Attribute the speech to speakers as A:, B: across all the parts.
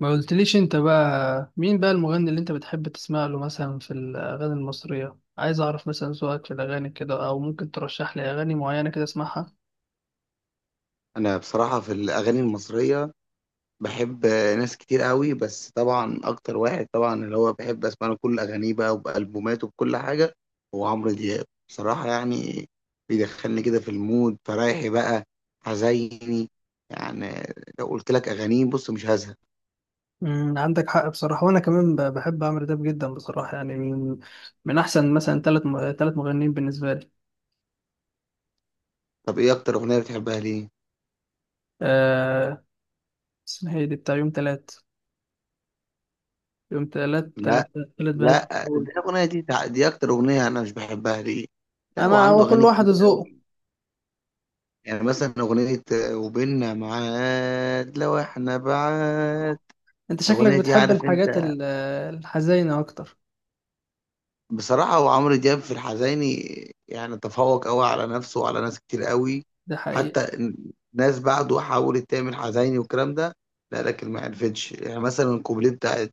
A: ما قلتليش انت بقى مين بقى المغني اللي انت بتحب تسمع له مثلا في الاغاني المصريه؟ عايز اعرف مثلا ذوقك في الاغاني كده، او ممكن ترشح لي اغاني معينه كده اسمعها.
B: انا بصراحه في الاغاني المصريه بحب ناس كتير قوي، بس طبعا اكتر واحد طبعا اللي هو بحب اسمع له كل اغانيه بقى وبالبوماته وبكل حاجه هو عمرو دياب بصراحه. بيدخلني كده في المود، فرايحي بقى حزيني يعني لو قلت لك اغانيه بص مش هزهق.
A: عندك حق بصراحه، وانا كمان بحب عمرو دياب جدا بصراحه، يعني من احسن مثلا ثلاث مغنيين بالنسبه لي.
B: طب ايه اكتر اغنيه بتحبها؟ ليه؟
A: آه اسمها ايه دي، بتاع يوم ثلاث ثلاث
B: لا
A: ثلاث بنات
B: لا، دي
A: دول.
B: الاغنيه دي دي اكتر اغنيه انا مش بحبها. ليه؟ لا،
A: انا هو
B: وعنده
A: كل
B: اغاني
A: واحد
B: كتير.
A: ذوقه.
B: مثلا أغنية وبيننا معاد لو إحنا بعاد،
A: انت شكلك
B: الأغنية دي
A: بتحب
B: عارف أنت.
A: الحاجات الحزينه اكتر.
B: بصراحة هو عمرو دياب في الحزيني تفوق أوي على نفسه وعلى ناس كتير أوي.
A: ده حقيقي.
B: حتى ناس بعده حاولت تعمل حزيني والكلام ده، لا لكن ما عرفتش. مثلا الكوبليه بتاعت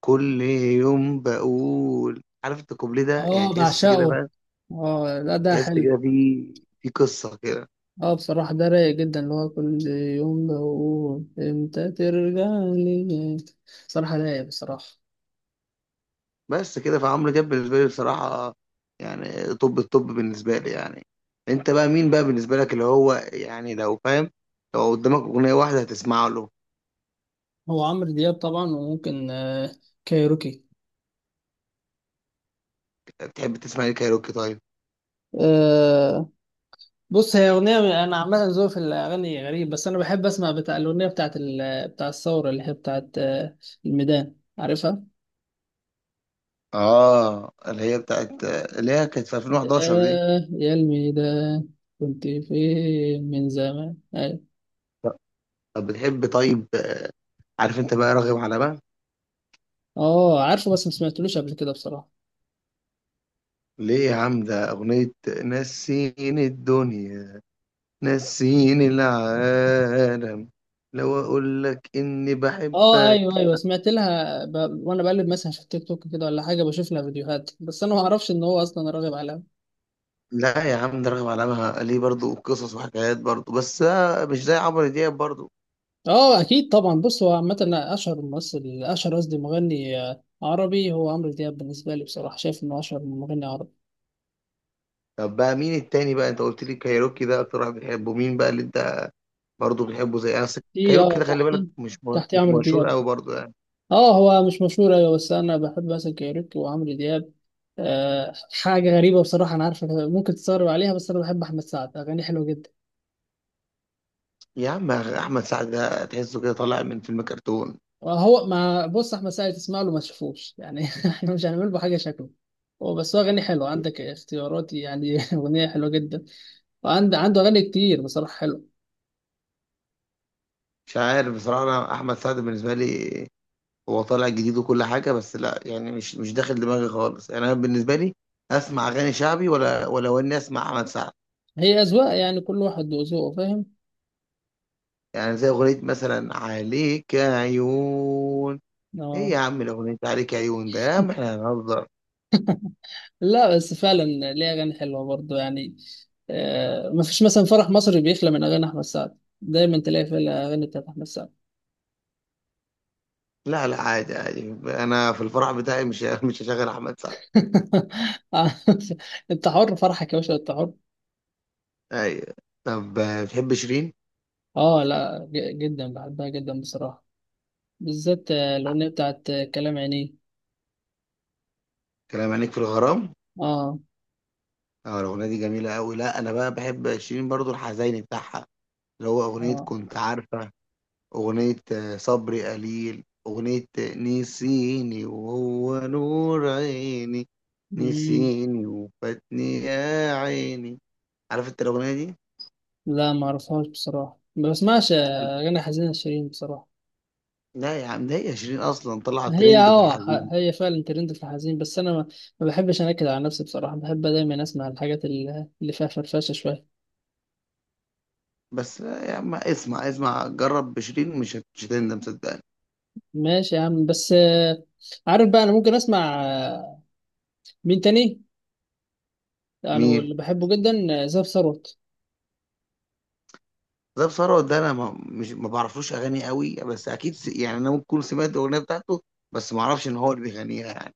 B: كل يوم بقول، عارف أنت الكوبليه ده،
A: اه
B: تحس كده
A: بعشقه.
B: بقى،
A: اه لا، ده
B: تحس
A: حلو.
B: كده في في قصة كده.
A: اه بصراحة ده رايق جدا، اللي هو كل يوم بقول امتى ترجع لي. بصراحة رايق بصراحة.
B: بس كده، فعمرو دياب بالنسبة لي بصراحة طب بالنسبة لي، انت بقى مين بقى بالنسبة لك اللي هو، لو فاهم، لو قدامك أغنية واحدة هتسمع له؟
A: هو عمرو دياب طبعا، وممكن كايروكي.
B: بتحب تسمع ايه كايروكي طيب؟
A: آه بص هي أغنية، أنا عامة ذوقي في الأغاني غريب، بس أنا بحب أسمع بتاع الأغنية بتاعت بتاع الثورة اللي هي بتاعت الميدان، عارفها؟
B: اه، اللي هي بتاعت، اللي هي كانت في 2011 دي.
A: آه يا الميدان كنت فين من زمان، أيوة.
B: طب بتحب، طيب عارف انت بقى راغب على بقى؟
A: اه عارفه، بس ما سمعتلوش قبل كده بصراحة.
B: ليه يا عم؟ ده أغنية نسيني الدنيا، نسيني العالم، لو أقول لك إني
A: اه
B: بحبك.
A: ايوه ايوه، سمعت لها وانا بقلب مثلا في التيك توك كده ولا حاجه بشوف لها فيديوهات، بس انا ما اعرفش ان هو اصلا راغب عليها.
B: لا يا عم، ده رغم علامها ليه برضو قصص وحكايات برضو، بس بقى مش زي عمرو دياب برضو.
A: اه اكيد طبعا، بص هو عامه أنا اشهر ممثل اشهر قصدي مغني عربي هو عمرو دياب، بالنسبه لي بصراحه شايف انه اشهر مغني عربي.
B: طب بقى مين التاني بقى؟ انت قلت لي كايروكي، ده اكتر واحد بتحبه، مين بقى اللي انت برضو بتحبه زي انا؟ بس
A: دي
B: كايروكي
A: اه
B: ده خلي بالك
A: تحتي
B: مش
A: تحتي
B: مش
A: عمرو
B: مشهور
A: دياب.
B: قوي برضو
A: اه هو مش مشهور، ايوه، بس انا بحب مثلا كايروكي وعمرو دياب. آه حاجه غريبه بصراحه، انا عارفه ممكن تستغرب عليها، بس انا بحب احمد سعد، اغانيه حلوه جدا.
B: يا عم احمد سعد ده تحسه كده طالع من فيلم كرتون.
A: هو ما بص احمد سعد تسمع له ما تشوفوش يعني. احنا مش هنعمل له حاجه شكله. هو بس هو اغاني حلوه عندك اختياراتي يعني. اغنيه حلوه جدا، وعنده عنده اغاني كتير بصراحه حلوه.
B: مش عارف بصراحة، انا احمد سعد بالنسبة لي هو طالع جديد وكل حاجة، بس لا مش مش داخل دماغي خالص. انا بالنسبة لي اسمع اغاني شعبي ولا اني اسمع احمد سعد.
A: هي اذواق يعني، كل واحد وذوقه، فاهم.
B: زي أغنية مثلا عليك عيون، إيه
A: اه.
B: يا عم الأغنية عليك عيون ده؟ يا عم إحنا هنهزر.
A: لا بس فعلا، ليه اغاني حلوه برضه يعني، ما فيش مثلا فرح مصري بيخلى من اغاني احمد سعد، دايما تلاقي فيه الاغاني بتاعت احمد سعد.
B: لا لا، عادي عادي، أنا في الفرح بتاعي مش مش هشغل أحمد سعد.
A: انت حر فرحك يا باشا، انت حر.
B: أيوة. طب بتحب شيرين؟
A: اه لا، جدا بحبها جدا بصراحه، بالذات الأغنية بتاعت كلام عينيه.
B: كلام عينيك في الغرام؟
A: اه.
B: أه الأغنية دي جميلة أوي. لا أنا بقى بحب شيرين برضو الحزيني بتاعها، اللي هو أغنية
A: اه.
B: كنت عارفة، أغنية صبري قليل، أغنية نسيني وهو نور عيني،
A: مم.
B: نسيني وفاتني يا عيني. عارف انت الاغنيه دي؟
A: لا ما اعرفهاش بصراحة، ما بسمعش أغاني حزينة شيرين بصراحة.
B: لا يا عم، ده هي شيرين اصلا طلعت
A: هي
B: ترند في
A: اه
B: الحزين.
A: هي فعلا ترند في الحزين، بس أنا ما بحبش أنكد على نفسي بصراحة، بحب دايما أسمع الحاجات اللي فيها فرفشة شوية.
B: بس لا يا عم اسمع، اسمع جرب بشيرين، مش مش هتندم صدقني.
A: ماشي يا عم، بس عارف بقى أنا ممكن أسمع مين تاني يعني،
B: مين؟
A: واللي بحبه جدا زاب ثروت.
B: ده ثروت ده انا ما بعرفلوش اغاني قوي، بس اكيد انا ممكن أكون سمعت الاغنيه بتاعته، بس ما اعرفش ان هو اللي بيغنيها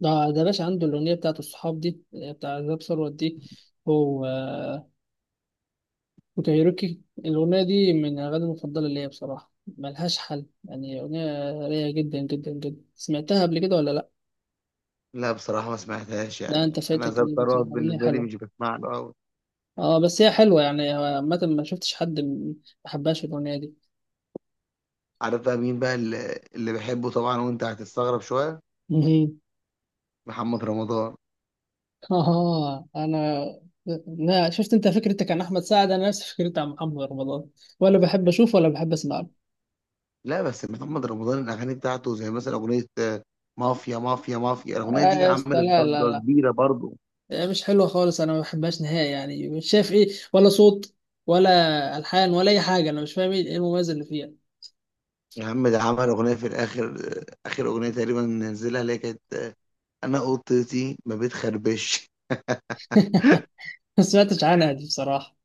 A: ده باشا عنده الأغنية بتاعت الصحاب دي بتاع زاب ثروت دي، هو وكايروكي. الأغنية دي من الأغاني المفضلة ليا بصراحة، ملهاش حل يعني، أغنية رايقة جدا جدا جدا. سمعتها قبل كده ولا لأ؟
B: لا بصراحه ما سمعتهاش.
A: لا أنت
B: انا
A: فايتك
B: زاب
A: اللي بتقول
B: ثروت
A: أغنية
B: بالنسبه لي
A: حلوة،
B: مش بسمع له قوي.
A: أه بس هي حلوة يعني، عامة ما شفتش حد ما حبهاش الأغنية دي.
B: عارف بقى مين بقى اللي بحبه طبعا؟ وانت هتستغرب شويه،
A: مهم.
B: محمد رمضان.
A: أه أنا، لا شفت أنت فكرتك عن أحمد سعد أنا نفس فكرتي عن محمد رمضان، ولا بحب أشوفه ولا بحب أسمع له.
B: لا بس محمد رمضان الاغاني بتاعته زي مثلا اغنيه مافيا مافيا مافيا، الاغنيه دي
A: يا أسطى،
B: عملت
A: لا لا
B: ضجه
A: لا،
B: كبيره برضه.
A: مش حلوه خالص، انا ما بحبهاش نهائي يعني، مش شايف ايه، ولا صوت، ولا الحان، ولا اي حاجه، انا مش فاهم ايه، إيه المميز اللي فيها.
B: يا عم ده عمل اغنيه في الاخر، اخر اغنيه تقريبا نزلها اللي هي كانت انا اوضتي ما بتخربش.
A: ما سمعتش عنها دي بصراحه.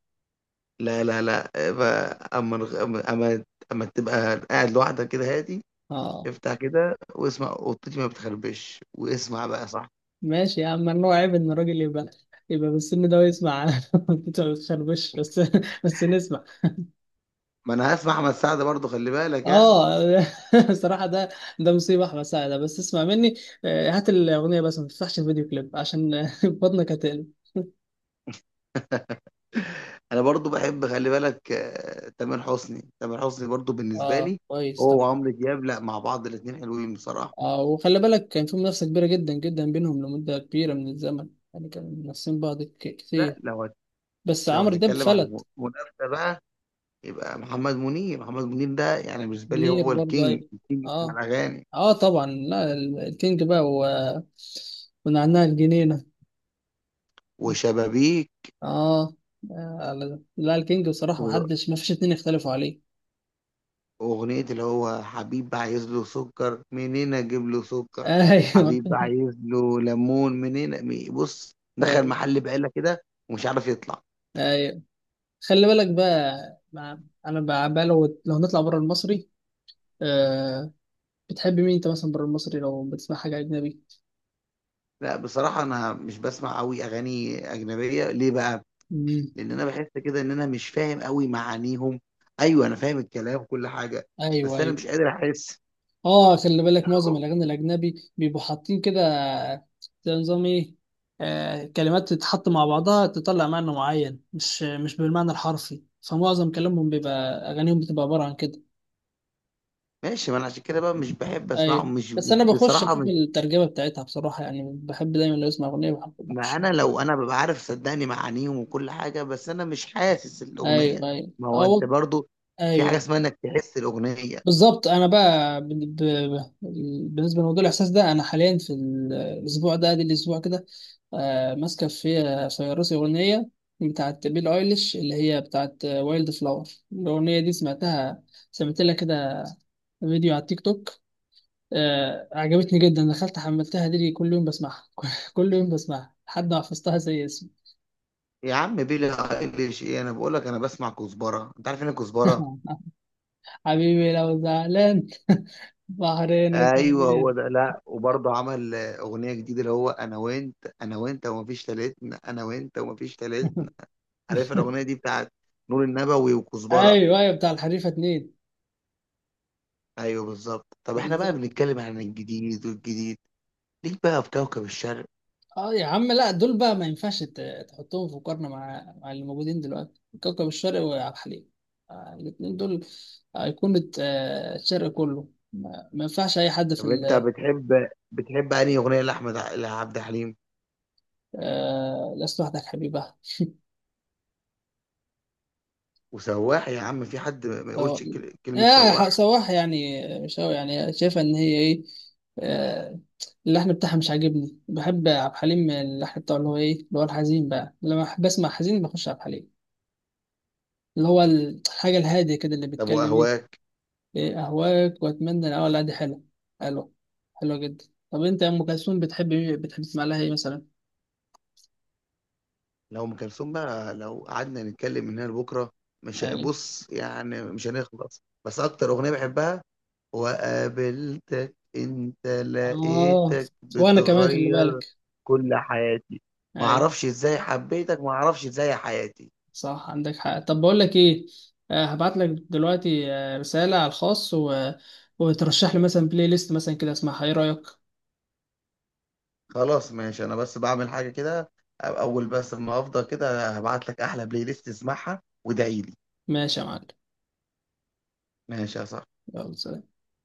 B: لا لا لا، آه، ف- اما اما اما أما تبقى قاعد لوحدك كده هادي
A: اه
B: افتح كده واسمع اوضتي ما بتخربش واسمع بقى صح.
A: ماشي يا عم، ممنوع عيب ان الراجل يبقى بالسن ده ويسمع انت ما بتخربش. بس نسمع.
B: ما انا هسمع احمد سعد برضه خلي بالك
A: اه. بصراحه ده مصيبه احمد سعد ده. بس اسمع مني هات الاغنيه بس ما تفتحش الفيديو كليب عشان بطنك هتقلب.
B: انا برضو بحب خلي بالك تامر حسني برضو بالنسبه
A: اه
B: لي،
A: كويس، طب
B: هو وعمرو دياب، لا مع بعض الاثنين حلوين بصراحه.
A: وخلي بالك كان في منافسة كبيرة جدا جدا بينهم لمدة كبيرة من الزمن، يعني كانوا منافسين بعض
B: لا
A: كتير،
B: لو هت...
A: بس
B: لو
A: عمرو دياب
B: هتتكلم عن
A: فلت.
B: منافسه بقى، يبقى محمد منير ده. بالنسبه لي
A: منير
B: هو
A: برضه،
B: الكينج،
A: أيوة.
B: الكينج بتاع
A: اه
B: الاغاني.
A: اه طبعا، لا الكينج بقى ونعناع الجنينة.
B: وشبابيك،
A: اه. لا الكينج بصراحة
B: و-
A: محدش، مفيش اتنين يختلفوا عليه.
B: واغنيه اللي هو حبيب عايز له سكر منين اجيب له سكر،
A: ايوه
B: حبيب عايز له ليمون منين بص دخل
A: ايوه.
B: محل بقاله كده ومش عارف يطلع.
A: أيوة. خلي بالك بقى مع... انا بقى لو نطلع بره المصري، آه... بتحب مين انت مثلا بره المصري لو بتسمع حاجة أجنبي؟
B: لأ، بصراحة أنا مش باسمع أوي أغاني أجنبية، ليه بقى؟ لإن أنا باحس كده إن أنا مش فاهم أوي معانيهم. أيوه أنا فاهم الكلام وكل حاجة،
A: ايوه
B: بس أنا
A: ايوه.
B: مش قادر أحس.
A: اه خلي بالك معظم الاغاني الاجنبي بيبقوا حاطين كده زي نظام ايه، كلمات تتحط مع بعضها تطلع معنى معين، مش بالمعنى الحرفي، فمعظم كلامهم بيبقى اغانيهم بتبقى عباره عن كده.
B: ماشي، ما أنا عشان كده بقى مش باحب
A: ايوه
B: أسمعهم. مش
A: بس انا بخش
B: بصراحة
A: اشوف
B: مش
A: الترجمه بتاعتها بصراحه، يعني بحب دايما لو اسمع اغنيه بحب
B: ما
A: بخش.
B: أنا لو أنا بابقى عارف صدّقني معانيهم وكل حاجة، بس أنا مش حاسس الأغنية.
A: ايوه ايوه
B: ما هو أنت
A: أو
B: برضه، في حاجة
A: ايوه
B: اسمها إنّك تحس الأغنية.
A: بالظبط. انا بقى ب... بالنسبه لموضوع الاحساس ده، انا حاليا في الاسبوع ده ادي الاسبوع كده، ماسكه في راسي اغنيه بتاعت بيل ايليش اللي هي بتاعت وايلد فلاور، الاغنيه دي سمعتها، سمعت لها كده فيديو على التيك توك، عجبتني جدا، دخلت حملتها دي كل يوم بسمعها. كل يوم بسمعها لحد ما حفظتها زي اسمي.
B: يا عم billie eilish إيه، أنا باقول لك أنا باسمع كزبرة، أنت عارف يعني إيه كزبرة؟
A: حبيبي لو زعلان بحرينك
B: ايوه هو
A: منين.
B: ده. لا وبرضه عمل اغنيه جديده اللي هو انا وانت ومفيش تالتنا. عارف الاغنيه دي بتاعت نور النبوي وكزبره؟
A: ايوه ايوه، بتاع الحريفه اتنين،
B: ايوه بالظبط. طب احنا بقى
A: بالظبط.
B: بنتكلم عن الجديد، والجديد ليك بقى في كوكب الشرق.
A: اه يا عم، لا دول بقى ما ينفعش تحطهم في مقارنة مع اللي موجودين دلوقتي، كوكب الشرق وعبد الحليم، الاتنين دول أيقونة الشرق كله، ما ينفعش أي حد في
B: طب انت بتحب انهي اغنيه لعبد الحليم؟
A: لست وحدك حبيبة.
B: وسواح يا عم، في حد ما
A: آه،
B: يقولش كلمه
A: يا
B: سواح؟
A: صباح يعني مش أوي يعني، شايفة إن هي إيه، آه، اللحن بتاعها مش عاجبني، بحب عبد الحليم اللحن بتاعه اللي هو إيه، اللي هو الحزين بقى، لما بحب أسمع حزين بخش عبد الحليم، اللي هو الحاجة الهادية كده اللي
B: طب
A: بيتكلم.
B: واهواك؟
A: ايه، اهواك واتمنى ان، اه لا دي حلوه، حلوه حلوه جدا. طب انت يا ام كلثوم بتحب، تسمع لها ايه مثلا؟
B: لو ام كلثوم بقى لو قعدنا نتكلم من هنا لبكره مش ه-
A: ايوه.
B: بص مش هنخلص، بس اكتر اغنيه بحبها، وقابلتك انت
A: اه
B: لقيتك
A: وانا كمان خلي
B: بتغير
A: بالك.
B: كل حياتي، ما
A: ايوه
B: اعرفش ازاي حبيتك، ما اعرفش ازاي حياتي.
A: صح عندك حق، طب بقول لك ايه، هبعت لك دلوقتي رساله على الخاص وترشح لي مثلا بلاي ليست مثلا كده اسمعها، ايه رايك؟
B: خلاص ماشي، انا بس بعمل حاجه كده، اول بس ما افضل كده هبعت لك احلى بلاي ليست، اسمعها وادعي لي.
A: ماشي يا معلم،
B: ماشي يا صاحبي.
A: يلا سلام.